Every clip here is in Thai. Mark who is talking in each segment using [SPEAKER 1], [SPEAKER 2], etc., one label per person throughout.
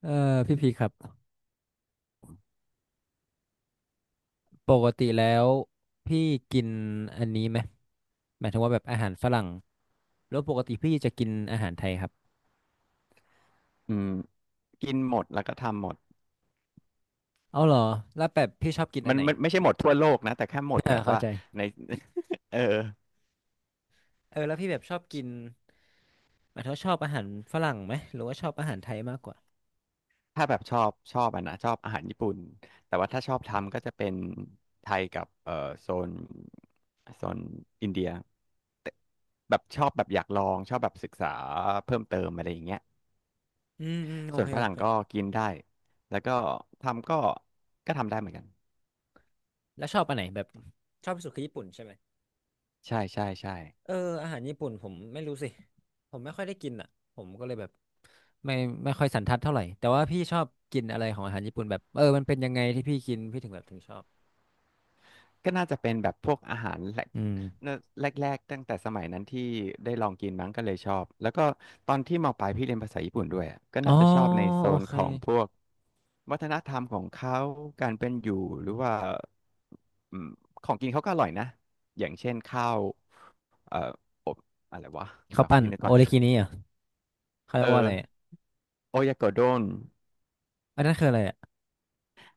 [SPEAKER 1] เออพี่พีครับปกติแล้วพี่กินอันนี้ไหมหมายถึงว่าแบบอาหารฝรั่งแล้วปกติพี่จะกินอาหารไทยครับ
[SPEAKER 2] อืมกินหมดแล้วก็ทำหมด
[SPEAKER 1] เอาเหรอแล้วแบบพี่ชอบกินอั
[SPEAKER 2] มั
[SPEAKER 1] น
[SPEAKER 2] น
[SPEAKER 1] ไหน
[SPEAKER 2] มันไม่ใช่หมดทั่วโลกนะแต่แค่หมด แบบ
[SPEAKER 1] เข้า
[SPEAKER 2] ว่า
[SPEAKER 1] ใจ
[SPEAKER 2] ใน เออ
[SPEAKER 1] แล้วพี่แบบชอบกินหมายถึงว่าชอบอาหารฝรั่งไหมหรือว่าชอบอาหารไทยมากกว่า
[SPEAKER 2] ถ้าแบบชอบอ่ะนะชอบอาหารญี่ปุ่นแต่ว่าถ้าชอบทำก็จะเป็นไทยกับโซนโซนอินเดียแต่แบบชอบแบบอยากลองชอบแบบศึกษาเพิ่มเติมอะไรอย่างเงี้ย
[SPEAKER 1] อืมอืมโอ
[SPEAKER 2] ส่วน
[SPEAKER 1] เค
[SPEAKER 2] ฝ
[SPEAKER 1] โอ
[SPEAKER 2] รั่ง
[SPEAKER 1] เค
[SPEAKER 2] ก็กินได้แล้วก็ทำก็ทำได้เหมือนกัน
[SPEAKER 1] แล้วชอบอันไหนแบบชอบที่สุดคือญี่ปุ่นใช่ไหม
[SPEAKER 2] ใช่ใช่ใช่
[SPEAKER 1] เอออาหารญี่ปุ่นผมไม่รู้สิผมไม่ค่อยได้กินอ่ะผมก็เลยแบบ ไม่ไม่ค่อยสันทัดเท่าไหร่แต่ว่าพี่ชอบกินอะไรของอาหารญี่ปุ่นแบบมันเป็นยังไงที่พี่กินพี่ถึงแบบถึงชอบ
[SPEAKER 2] ก็น่าจะเป็นแบบพวกอาหารแรก
[SPEAKER 1] อืม
[SPEAKER 2] แรกแรกๆตั้งแต่สมัยนั้นที่ได้ลองกินมั้งก็เลยชอบแล้วก็ตอนที่มปลายพี่เรียนภาษาญี่ปุ่นด้วยอะก็
[SPEAKER 1] อ๋อ
[SPEAKER 2] น่าจะชอบในโซ
[SPEAKER 1] โอ
[SPEAKER 2] น
[SPEAKER 1] เค
[SPEAKER 2] ของพวกวัฒนธรรมของเขาการเป็นอยู่หรือว่าอืมของกินเขาก็อร่อยนะอย่างเช่นข้าวเอ่ออบอะไรวะเดี๋
[SPEAKER 1] ข้า
[SPEAKER 2] ย
[SPEAKER 1] ว
[SPEAKER 2] ว
[SPEAKER 1] ปั้น
[SPEAKER 2] พี่นึก
[SPEAKER 1] โอ
[SPEAKER 2] ก่อน
[SPEAKER 1] เลกินี่อ่ะเขาเรี
[SPEAKER 2] เออ
[SPEAKER 1] ยกว่าอะไรอะ
[SPEAKER 2] โอยากโดน
[SPEAKER 1] อันนั้นคืออะไรอ่ะ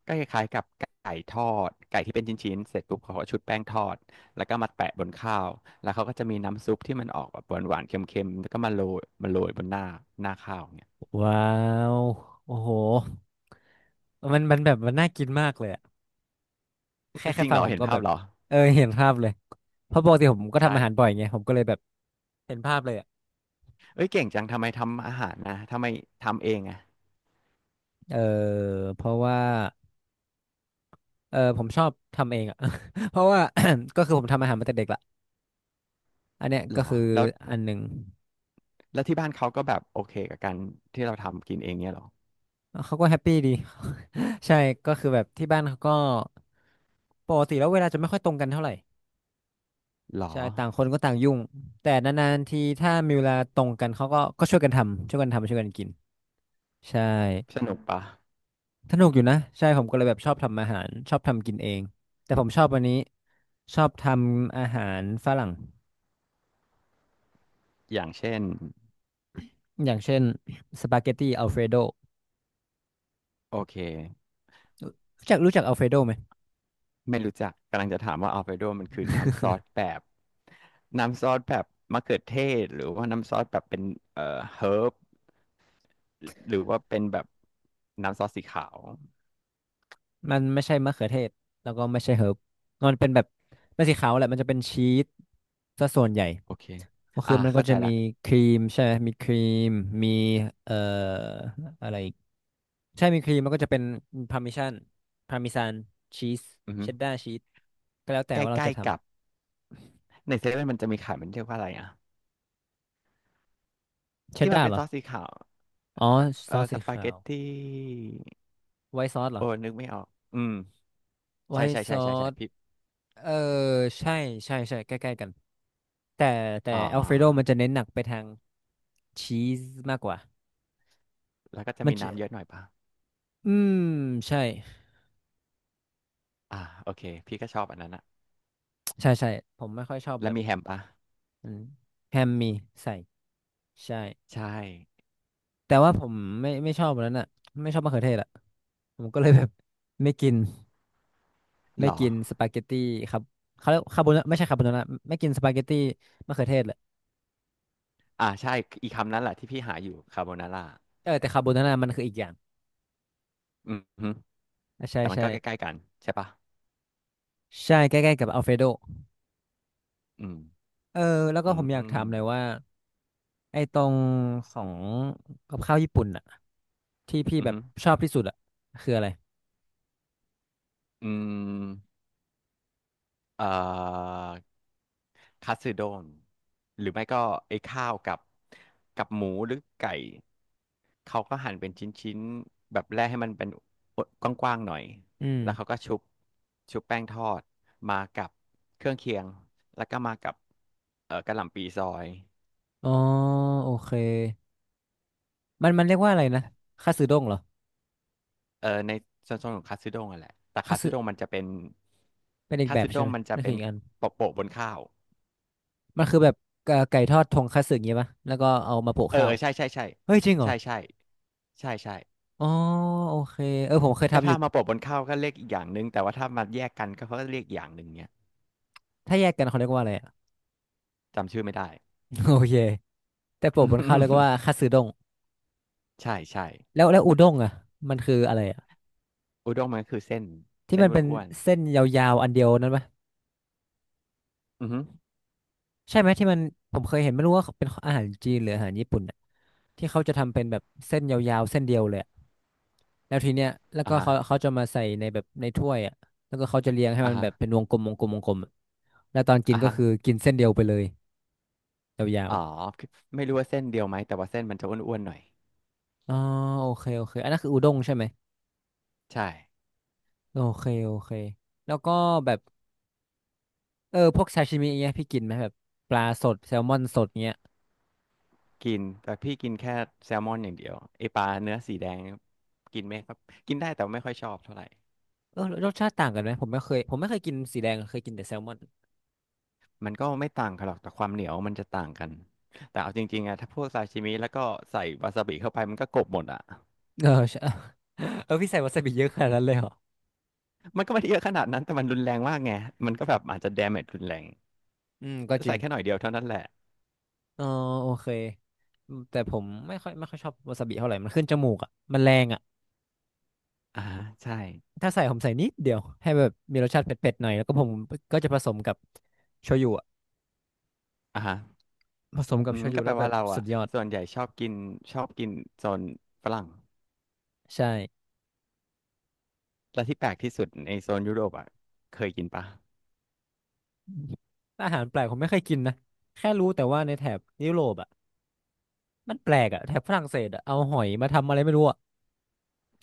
[SPEAKER 2] ก็คล้ายๆกับไก่ทอดไก่ที่เป็นชิ้นๆเสร็จปุ๊บเขาก็ชุบแป้งทอดแล้วก็มาแปะบนข้าวแล้วเขาก็จะมีน้ำซุปที่มันออกแบบหวานๆเค็มๆแล้วก็มาโรยบนหน้าหน้าข้าวเนี่ย
[SPEAKER 1] ว้าวโอ้โหมันแบบมันน่ากินมากเลยอะแค่
[SPEAKER 2] จ
[SPEAKER 1] แค่
[SPEAKER 2] ริง
[SPEAKER 1] ฟั
[SPEAKER 2] เหร
[SPEAKER 1] ง
[SPEAKER 2] อ
[SPEAKER 1] ผม
[SPEAKER 2] เห็น
[SPEAKER 1] ก็
[SPEAKER 2] ภา
[SPEAKER 1] แบ
[SPEAKER 2] พ
[SPEAKER 1] บ
[SPEAKER 2] เหรอ
[SPEAKER 1] เห็นภาพเลยเพราะปกติผมก็ทำ
[SPEAKER 2] ใช่
[SPEAKER 1] อาหารบ่อยไงผมก็เลยแบบเห็นภาพเลยอ่ะ
[SPEAKER 2] เอ้ยเก่งจังทำไมทำอาหารนะทำไมทำเองอะ
[SPEAKER 1] เออเพราะว่าผมชอบทำเองอ่ะ เพราะว่า ก็คือผมทำอาหารมาแต่เด็กละอันเนี้ย
[SPEAKER 2] เหร
[SPEAKER 1] ก็
[SPEAKER 2] อ
[SPEAKER 1] คือ
[SPEAKER 2] แล้ว
[SPEAKER 1] อันหนึ่ง
[SPEAKER 2] แล้วที่บ้านเขาก็แบบโอเคกับการที่เราทำกินเองเนี่ยเหรอ
[SPEAKER 1] เขาก็แฮปปี้ดี ใช่ก็คือแบบที่บ้านเขาก็ปกติแล้วเวลาจะไม่ค่อยตรงกันเท่าไหร่
[SPEAKER 2] หรอ
[SPEAKER 1] ใช่ต่างคนก็ต่างยุ่งแต่นานๆทีถ้ามีเวลาตรงกันเขาก็ช่วยกันทำช่วยกันทำช่วยกันกินใช่
[SPEAKER 2] สนุกปะ
[SPEAKER 1] สนุกอยู่นะใช่ผมก็เลยแบบชอบทำอาหารชอบทำกินเองแต่ผมชอบวันนี้ชอบทำอาหารฝรั่ง
[SPEAKER 2] อย่างเช่น
[SPEAKER 1] อย่างเช่นสปาเกตตีอัลเฟรโด
[SPEAKER 2] โอเค
[SPEAKER 1] รู้จักรู้จักอัลเฟรโดไหม
[SPEAKER 2] ไม่รู้จักกำลังจะถามว่าอัลเฟรโดมันคือน้ำซอสแบบน้ำซอสแบบมะเขือเทศหรือว่าน้ำซอสแบบเป็นเอ่อเฮิร์บหรือว่าเป็นแบบน้ำซอสสีขาว
[SPEAKER 1] มันไม่ใช่มะเขือเทศแล้วก็ไม่ใช่เฮิร์บมันเป็นแบบไม่สีขาวแหละมันจะเป็นชีสซะส่วนใหญ่
[SPEAKER 2] โอเค
[SPEAKER 1] ก็คือ
[SPEAKER 2] อ่า
[SPEAKER 1] มันก็
[SPEAKER 2] เข้าใจ
[SPEAKER 1] จะมี
[SPEAKER 2] ละ
[SPEAKER 1] ครีมใช่ไหมมีครีมมีเอ่ออะไรอีกใช่ มีครีมมันก็จะเป็นพาร์มิชันพาร์มิซานชีส
[SPEAKER 2] อือฮึ
[SPEAKER 1] เชดดาร์ชีสก็แล้วแต่
[SPEAKER 2] ใก
[SPEAKER 1] ว่าเรา
[SPEAKER 2] ล้
[SPEAKER 1] จะท
[SPEAKER 2] ๆกับในเซเว่นมันจะมีขายมันเรียกว่าอะไรอ่ะ
[SPEAKER 1] ำเชด
[SPEAKER 2] ที่มัน
[SPEAKER 1] ดาร์
[SPEAKER 2] เป็น
[SPEAKER 1] เหร
[SPEAKER 2] ซ
[SPEAKER 1] อ
[SPEAKER 2] อสสีขาว
[SPEAKER 1] อ๋อ
[SPEAKER 2] เอ
[SPEAKER 1] ซ
[SPEAKER 2] อ
[SPEAKER 1] อส
[SPEAKER 2] ส
[SPEAKER 1] สี
[SPEAKER 2] ปาเก
[SPEAKER 1] ขาว
[SPEAKER 2] ตตี้
[SPEAKER 1] ไวท์ซอสเหรอ
[SPEAKER 2] โอ้นึกไม่ออกอืม
[SPEAKER 1] ไว
[SPEAKER 2] ใช่
[SPEAKER 1] ท์
[SPEAKER 2] ใช่
[SPEAKER 1] ซ
[SPEAKER 2] ใช่
[SPEAKER 1] อ
[SPEAKER 2] ใช่ใช่
[SPEAKER 1] ส
[SPEAKER 2] พี่
[SPEAKER 1] เออใช่ใช่ใช่ใกล้ๆกัน แต่แต่
[SPEAKER 2] อ๋อ
[SPEAKER 1] อัลเฟรโดมันจะเน้นหนักไปทางชีสมากกว่า
[SPEAKER 2] แล้วก็จะ
[SPEAKER 1] มัน
[SPEAKER 2] มี
[SPEAKER 1] จะ
[SPEAKER 2] น้ำเยอะหน่อยป่ะ
[SPEAKER 1] อืมใช่
[SPEAKER 2] อ่าโอเคพี่ก็ชอบอันนั้นอะ
[SPEAKER 1] ใช่ใช่ผมไม่ค่อยชอบ
[SPEAKER 2] แล้
[SPEAKER 1] แบ
[SPEAKER 2] ว
[SPEAKER 1] บ
[SPEAKER 2] มีแฮมป่ะ
[SPEAKER 1] นั้นแฮมมีใส่ใช่
[SPEAKER 2] ใช่
[SPEAKER 1] แต่ว่าผมไม่ชอบแบบนั้นอ่ะไม่ชอบมะเขือเทศอ่ะผมก็เลยแบบ ไม่กินไม่
[SPEAKER 2] เหรอ
[SPEAKER 1] กินสปาเกตตี้ครับเขาเรียกคาโบนาไม่ใช่คาโบนาร่าไม่กินสปาเกตตี้มะเขือเทศแหละ
[SPEAKER 2] อ่าใช่อีกคำนั้นแหละที่พี่หาอยู่คาโบนาร่า
[SPEAKER 1] แต่คาโบนาร่ามันคืออีกอย่าง
[SPEAKER 2] อืมฮึ
[SPEAKER 1] อ่ะใช่
[SPEAKER 2] แต่มัน
[SPEAKER 1] ใช่
[SPEAKER 2] ก็ใกล้ๆกันใช่ปะ
[SPEAKER 1] ใช่ใกล้ๆกับอัลเฟรโด
[SPEAKER 2] อืม
[SPEAKER 1] เออแล้วก็
[SPEAKER 2] อื
[SPEAKER 1] ผ
[SPEAKER 2] ม
[SPEAKER 1] มอยาก
[SPEAKER 2] อืม
[SPEAKER 1] ถามหน่อยว่า ไอ้ตรงของกับข้าวญี่ปุ่นอะที่พี่
[SPEAKER 2] อืม
[SPEAKER 1] แบบ
[SPEAKER 2] ฮึ
[SPEAKER 1] ชอบที่สุดอะคืออะไร
[SPEAKER 2] อืมเอ่อคัตสึโดน หรือไม่ก็ไอ้ข้าวกับกับหมูหรือไก่ เขาก็หั่นเป็นชิ้นๆแบบแรกให้มันเป็นกว้างๆหน่อย
[SPEAKER 1] อืม
[SPEAKER 2] แล้วเขาก็ชุบแป้งทอดมากับเครื่องเคียง แล้วก็มากับกะหล่ำปีซอย
[SPEAKER 1] อ๋อโอเคมันมันเรียกว่าอะไรนะคัตสึด้งเหรอ
[SPEAKER 2] เออในโซนของคัตสึด้งอะแหละแต่
[SPEAKER 1] คั
[SPEAKER 2] คั
[SPEAKER 1] ต
[SPEAKER 2] ตสึ
[SPEAKER 1] สึ
[SPEAKER 2] ด้งมันจะเป็น
[SPEAKER 1] เป็นอีก
[SPEAKER 2] คัต
[SPEAKER 1] แบบ
[SPEAKER 2] สึ
[SPEAKER 1] ใช่
[SPEAKER 2] ด้
[SPEAKER 1] ไห
[SPEAKER 2] ง
[SPEAKER 1] ม
[SPEAKER 2] มันจะ
[SPEAKER 1] นั่น
[SPEAKER 2] เป็
[SPEAKER 1] คือ
[SPEAKER 2] น
[SPEAKER 1] อีกอัน
[SPEAKER 2] โปะบนข้าว
[SPEAKER 1] มันคือแบบไก่ทอดทงคัตสึอย่างงี้ปะแล้วก็เอามาโปะ
[SPEAKER 2] เออ
[SPEAKER 1] ข้า
[SPEAKER 2] เอ
[SPEAKER 1] ว
[SPEAKER 2] อใช่ใช่ใช่
[SPEAKER 1] เฮ้ยจริงเหรอ
[SPEAKER 2] ใช่ใช่ใช่ใช่
[SPEAKER 1] อ๋อโอเคผมเคย
[SPEAKER 2] ก็
[SPEAKER 1] ทำอ
[SPEAKER 2] ถ้า
[SPEAKER 1] ยู่
[SPEAKER 2] มาโปะบนข้าวก็เรียกอีกอย่างหนึ่งแต่ว่าถ้ามาแยกกันก็เขาก็เรียกอีกอย่างหนึ่งเนี้ย
[SPEAKER 1] ถ้าแยกกันเขาเรียกว่าอะไรอะ
[SPEAKER 2] จำชื่อไม่ได้
[SPEAKER 1] โอเคแต่โปะบนข้าวเรียก ว่าคัตสึด้ง
[SPEAKER 2] ใช่ใช่
[SPEAKER 1] แล้วอุด้งอะมันคืออะไรอะ
[SPEAKER 2] อุด้งมันก็คือเส้น
[SPEAKER 1] ที่
[SPEAKER 2] เส้น
[SPEAKER 1] มันเป็น
[SPEAKER 2] อ้วน
[SPEAKER 1] เส้นยาวๆอันเดียวนั้นปะ
[SPEAKER 2] ๆอือฮึ
[SPEAKER 1] ใช่ไหมที่มันผมเคยเห็นไม่รู้ว่าเป็นอาหารจีนหรืออาหารญี่ปุ่นน่ะที่เขาจะทำเป็นแบบเส้นยาวๆเส้นเดียวเลยอะแล้วทีเนี้ยแล้ว
[SPEAKER 2] อ่า
[SPEAKER 1] ก็
[SPEAKER 2] ฮะ
[SPEAKER 1] เขาจะมาใส่ในแบบในถ้วยอ่ะแล้วก็เขาจะเรียงให้
[SPEAKER 2] อ่า
[SPEAKER 1] มัน
[SPEAKER 2] ฮะ
[SPEAKER 1] แบบเป็นวงกลมวงกลมวงกลมอะแล้วตอนกิน
[SPEAKER 2] อ่า
[SPEAKER 1] ก็
[SPEAKER 2] ฮะ
[SPEAKER 1] คือกินเส้นเดียวไปเลยยาว
[SPEAKER 2] อ๋อคือไม่รู้ว่าเส้นเดียวไหมแต่ว่าเส้นมันจะอ้วนๆหน่อย
[SPEAKER 1] ๆอ๋อโอเคโอเคอันนั้นคืออุด้งใช่ไหม
[SPEAKER 2] ใช่
[SPEAKER 1] โอเคโอเคแล้วก็แบบพวกซาชิมิอย่างเงี้ยพี่กินไหมแบบปลาสดแซลมอนสดเงี้ย
[SPEAKER 2] กินแต่พี่กินแค่แซลมอนอย่างเดียวไอปลาเนื้อสีแดงเนี่ยกินไม่ครับกินได้แต่ไม่ค่อยชอบเท่าไหร่
[SPEAKER 1] รสชาติต่างกันไหมผมไม่เคยผมไม่เคยกินสีแดงอะเคยกินแต่แซลมอน
[SPEAKER 2] มันก็ไม่ต่างกันหรอกแต่ความเหนียวมันจะต่างกันแต่เอาจริงๆอะถ้าพวกซาชิมิแล้วก็ใส่วาซาบิเข้าไปมันก็กลบหมดอะ
[SPEAKER 1] ใช่ พี่ใส่วาซาบิเยอะขนาดนั้นเลยเหรอ
[SPEAKER 2] มันก็ไม่ได้เยอะขนาดนั้นแต่มันรุนแรงมากไงมันก็แบบอาจจะ damage รุนแรง
[SPEAKER 1] อืมก็จริ
[SPEAKER 2] ใส่
[SPEAKER 1] ง
[SPEAKER 2] แค่หน่อยเดียวเท่านั้นแหละ
[SPEAKER 1] อ๋อโอเคอืมแต่ผมไม่ค่อยไม่ค่อยชอบวาซาบิเท่าไหร่มันขึ้นจมูกอ่ะมันแรงอ่ะ
[SPEAKER 2] อ่าฮะใช่
[SPEAKER 1] ถ้าใส่ผมใส่นิดเดียวให้แบบมีรสชาติเผ็ดๆหน่อยแล้วก็ผมก็จะผสมกับโชยุอะ
[SPEAKER 2] อ่าฮะ
[SPEAKER 1] ผสมกั
[SPEAKER 2] อื
[SPEAKER 1] บโช
[SPEAKER 2] ม
[SPEAKER 1] ยุ
[SPEAKER 2] ก็แป
[SPEAKER 1] แล้
[SPEAKER 2] ล
[SPEAKER 1] วแบ
[SPEAKER 2] ว่า
[SPEAKER 1] บ
[SPEAKER 2] เรา
[SPEAKER 1] สุ
[SPEAKER 2] อะ
[SPEAKER 1] ดยอด
[SPEAKER 2] ส่วนใหญ่ชอบกินชอบกินโซนฝรั่ง
[SPEAKER 1] ใช่
[SPEAKER 2] และที่แปลกที่สุดในโซนยุโรปอะเคยกินปะ
[SPEAKER 1] อาหารแปลกผมไม่เคยกินนะแค่รู้แต่ว่าในแถบยุโรปอ่ะมันแปลกอ่ะแถบฝรั่งเศสอ่ะเอาหอยมาทำอะไรไม่รู้อ่ะ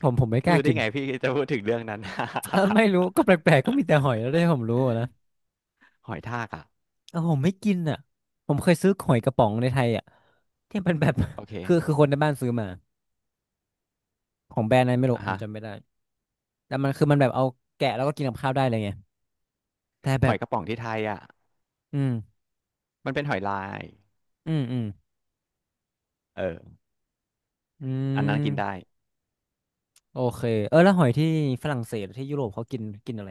[SPEAKER 1] ผมไม่กล้า
[SPEAKER 2] รู้ได้
[SPEAKER 1] กิน
[SPEAKER 2] ไงพี่จะพูดถึงเรื่องนั้น
[SPEAKER 1] ไม่รู้ก็แปลกๆก็มีแต่หอยแล้วได้ผมรู้อะนะ
[SPEAKER 2] หอยทากอ่ะ
[SPEAKER 1] ผมไม่กินอ่ะผมเคยซื้อหอยกระป๋องในไทยอ่ะที่มันแบบ
[SPEAKER 2] โอเค
[SPEAKER 1] คือคนในบ้านซื้อมาของแบรนด์อะไรไม่รู้
[SPEAKER 2] อ่ะ
[SPEAKER 1] ผม
[SPEAKER 2] ฮะ
[SPEAKER 1] จำไม่ได้แต่มันคือมันแบบเอาแกะแล้วก็กินกับข้าวได้เลยไงแต่แบ
[SPEAKER 2] หอ
[SPEAKER 1] บ
[SPEAKER 2] ยกระป๋องที่ไทยอ่ะ
[SPEAKER 1] อืม
[SPEAKER 2] มันเป็นหอยลาย
[SPEAKER 1] อืมอืม
[SPEAKER 2] เออ
[SPEAKER 1] อื
[SPEAKER 2] อันนั้นกินได้
[SPEAKER 1] มโอเคแล้วหอยที่ฝรั่งเศสหรือที่ยุโรปเขากินกินอะไร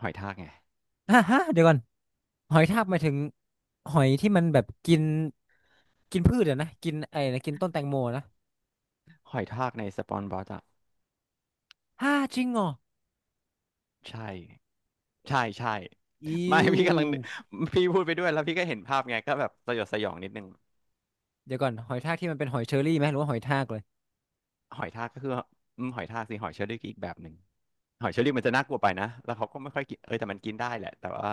[SPEAKER 2] หอยทากไง
[SPEAKER 1] ฮะฮะเดี๋ยวก่อนหอยทากหมายถึงหอยที่มันแบบกินกินพืชอะนะกินไอ้นะกินต้นแตงโมนะ
[SPEAKER 2] หอยทากในสปอนบอสอ่ะ
[SPEAKER 1] ฮ่าจริงเหรอ
[SPEAKER 2] ใช่ใช่ใช่
[SPEAKER 1] อิ
[SPEAKER 2] ไม่
[SPEAKER 1] ว
[SPEAKER 2] พี่กำลังนึกพี่พูดไปด้วยแล้วพี่ก็เห็นภาพไงก็แบบสยดสยองนิดนึง
[SPEAKER 1] เดี๋ยวก่อนหอยทากที่มันเป็นหอยเชอรี่ไหมหรือว่าหอยทากเลย
[SPEAKER 2] หอยทากก็คืออืมหอยทากสิหอยเชอรี่ก็อีกแบบหนึ่งหอยเชอรี่มันจะน่ากลัวไปนะแล้วเขาก็ไม่ค่อยกินเออแต่มันกินได้แหละแต่ว่า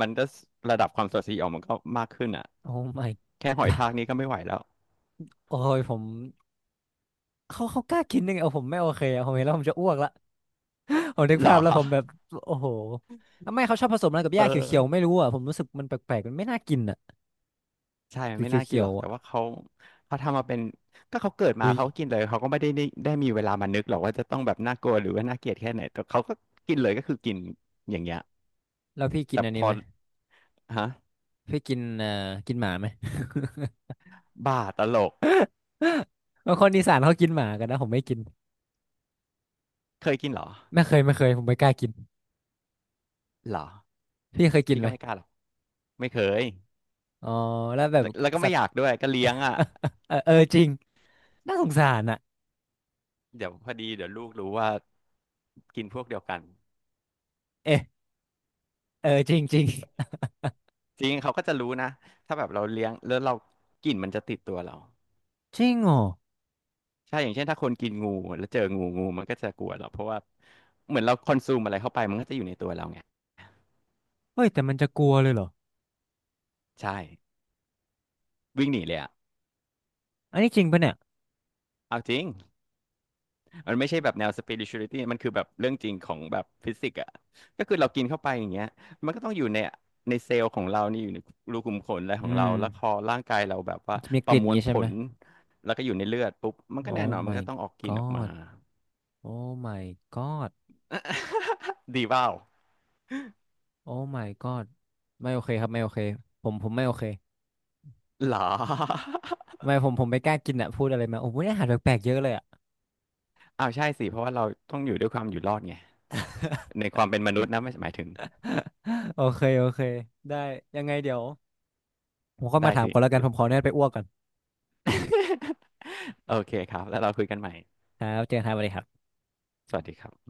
[SPEAKER 2] มันก็ระดับความสดสีออกมันก็มากขึ้นอ่ะ
[SPEAKER 1] โอ้ my
[SPEAKER 2] แค่หอยทากนี้ก็ไม่ไหวแล้ว
[SPEAKER 1] โอ้ยผมเขาเขากล้ากินยังไงเอาผมไม่โอเคอะผมเห็นแล้วผมจะอ้วกละ ผมนึก
[SPEAKER 2] เหรอ
[SPEAKER 1] ภาพแล้วผมแบบโอ้โหทำไมเขาชอบผสมอะไรกับห
[SPEAKER 2] เอ
[SPEAKER 1] ญ้าเขียวๆไม่
[SPEAKER 2] อ
[SPEAKER 1] รู้อ่ะผมรู้สึกมันแปลกๆมันไม่น่ากินอ่ะ
[SPEAKER 2] ใช่มัน
[SPEAKER 1] สี
[SPEAKER 2] ไม่น่ากิน
[SPEAKER 1] เขีย
[SPEAKER 2] หร
[SPEAKER 1] ว
[SPEAKER 2] อก
[SPEAKER 1] ๆ
[SPEAKER 2] แต่
[SPEAKER 1] อ่ะ
[SPEAKER 2] ว่าเขาเขาทำมาเป็นก็เขาเกิดมา
[SPEAKER 1] เฮ้ย
[SPEAKER 2] เขาก็กินเลยเขาก็ไม่ได้มีเวลามานึกหรอกว่าจะต้องแบบน่ากลัวหรือว่าน่าเกลียดแค่ไหนแต่เขาก็กินเลยก็คือกินอย่างเงี้ย
[SPEAKER 1] แล้วพี่กิน
[SPEAKER 2] แต่
[SPEAKER 1] อัน
[SPEAKER 2] พ
[SPEAKER 1] นี้
[SPEAKER 2] อ
[SPEAKER 1] ไหม
[SPEAKER 2] ฮะ
[SPEAKER 1] พี่กินกินหมาไหม
[SPEAKER 2] บ้าตลก
[SPEAKER 1] บางคนอีสานเขากินหมากันนะผมไม่กิน
[SPEAKER 2] เคยกินเหรอ
[SPEAKER 1] ไม่เคยไม่เคยผมไม่กล้ากิน
[SPEAKER 2] เหรอ
[SPEAKER 1] พี่เคยกิน
[SPEAKER 2] พี่
[SPEAKER 1] ไหม
[SPEAKER 2] ก็ไม่กล้าหรอก ไม่เคย
[SPEAKER 1] อ๋อแล้วแบบ
[SPEAKER 2] แล้วแล้วก็
[SPEAKER 1] สั
[SPEAKER 2] ไม่
[SPEAKER 1] ต
[SPEAKER 2] อ
[SPEAKER 1] ว์
[SPEAKER 2] ยากด้วย ก็เลี้ยงอ่ะ
[SPEAKER 1] เออจริงน่าสงสารอ่ะ
[SPEAKER 2] เดี๋ยวพอดีเดี๋ยวลูกรู้ว่ากินพวกเดียวกัน
[SPEAKER 1] เอ๊ะเออจริงจริง
[SPEAKER 2] จริงเขาก็จะรู้นะถ้าแบบเราเลี้ยงแล้วเรากลิ่นมันจะติดตัวเรา
[SPEAKER 1] จริงเหรอ
[SPEAKER 2] ใช่อย่างเช่นถ้าคนกินงูแล้วเจองูงูมันก็จะกลัวเราเพราะว่าเหมือนเราคอนซูมอะไรเข้าไปมันก็จะอยู่ในตัวเราไง
[SPEAKER 1] เฮ้ยแต่มันจะกลัวเลยเหรอ
[SPEAKER 2] ใช่วิ่งหนีเลยอ่ะ
[SPEAKER 1] อันนี้จริงปะเนี่ย
[SPEAKER 2] เอาจริง มันไม่ใช่แบบแนว spirituality มันคือแบบเรื่องจริงของแบบฟิสิกส์อ่ะก็คือเรากินเข้าไปอย่างเงี้ยมันก็ต้องอยู่ในในเซลล์ของเรานี่อยู่ในรูขุมขนอะไรข
[SPEAKER 1] อื
[SPEAKER 2] องเรา
[SPEAKER 1] ม
[SPEAKER 2] แล้วพอร่างกายเราแบบ
[SPEAKER 1] มั
[SPEAKER 2] ว่า
[SPEAKER 1] นจะมี
[SPEAKER 2] ป
[SPEAKER 1] ก
[SPEAKER 2] ระ
[SPEAKER 1] ลิ่น
[SPEAKER 2] มวล
[SPEAKER 1] งี้
[SPEAKER 2] ผ
[SPEAKER 1] ใช่ไหม
[SPEAKER 2] ลแล้วก็อยู่ในเลือดปุ๊บมันก็แน่น
[SPEAKER 1] Oh
[SPEAKER 2] อนมันก็
[SPEAKER 1] my
[SPEAKER 2] ต้องออกกลิ่นออกมา
[SPEAKER 1] god Oh my god
[SPEAKER 2] ดีเปล่า
[SPEAKER 1] Oh my god ไม่โอเคครับไม่โอเคผมไม่โอเค
[SPEAKER 2] เหรอ
[SPEAKER 1] ไม่ผมไม่กล้ากินอะพูดอะไรมาโอ้โหอาหารแปลกๆเยอะเลยอะ
[SPEAKER 2] อ้าวใช่สิ เพราะว่าเราต้องอยู่ด้วยความอยู่รอดไงในความเป็นมนุษย์นะไม่หมายถึง
[SPEAKER 1] โอเคโอเคได้ยังไงเดี๋ยวผมก็มา
[SPEAKER 2] ได้
[SPEAKER 1] ถาม
[SPEAKER 2] สิ
[SPEAKER 1] ก่อนแล้วกันผมขออนุญาตไปอ้วกก่อน
[SPEAKER 2] โอเคครับแล้วเราคุยกันใหม่
[SPEAKER 1] ครับเจอกันครับสวัสดีครับ
[SPEAKER 2] สวัสดีครับ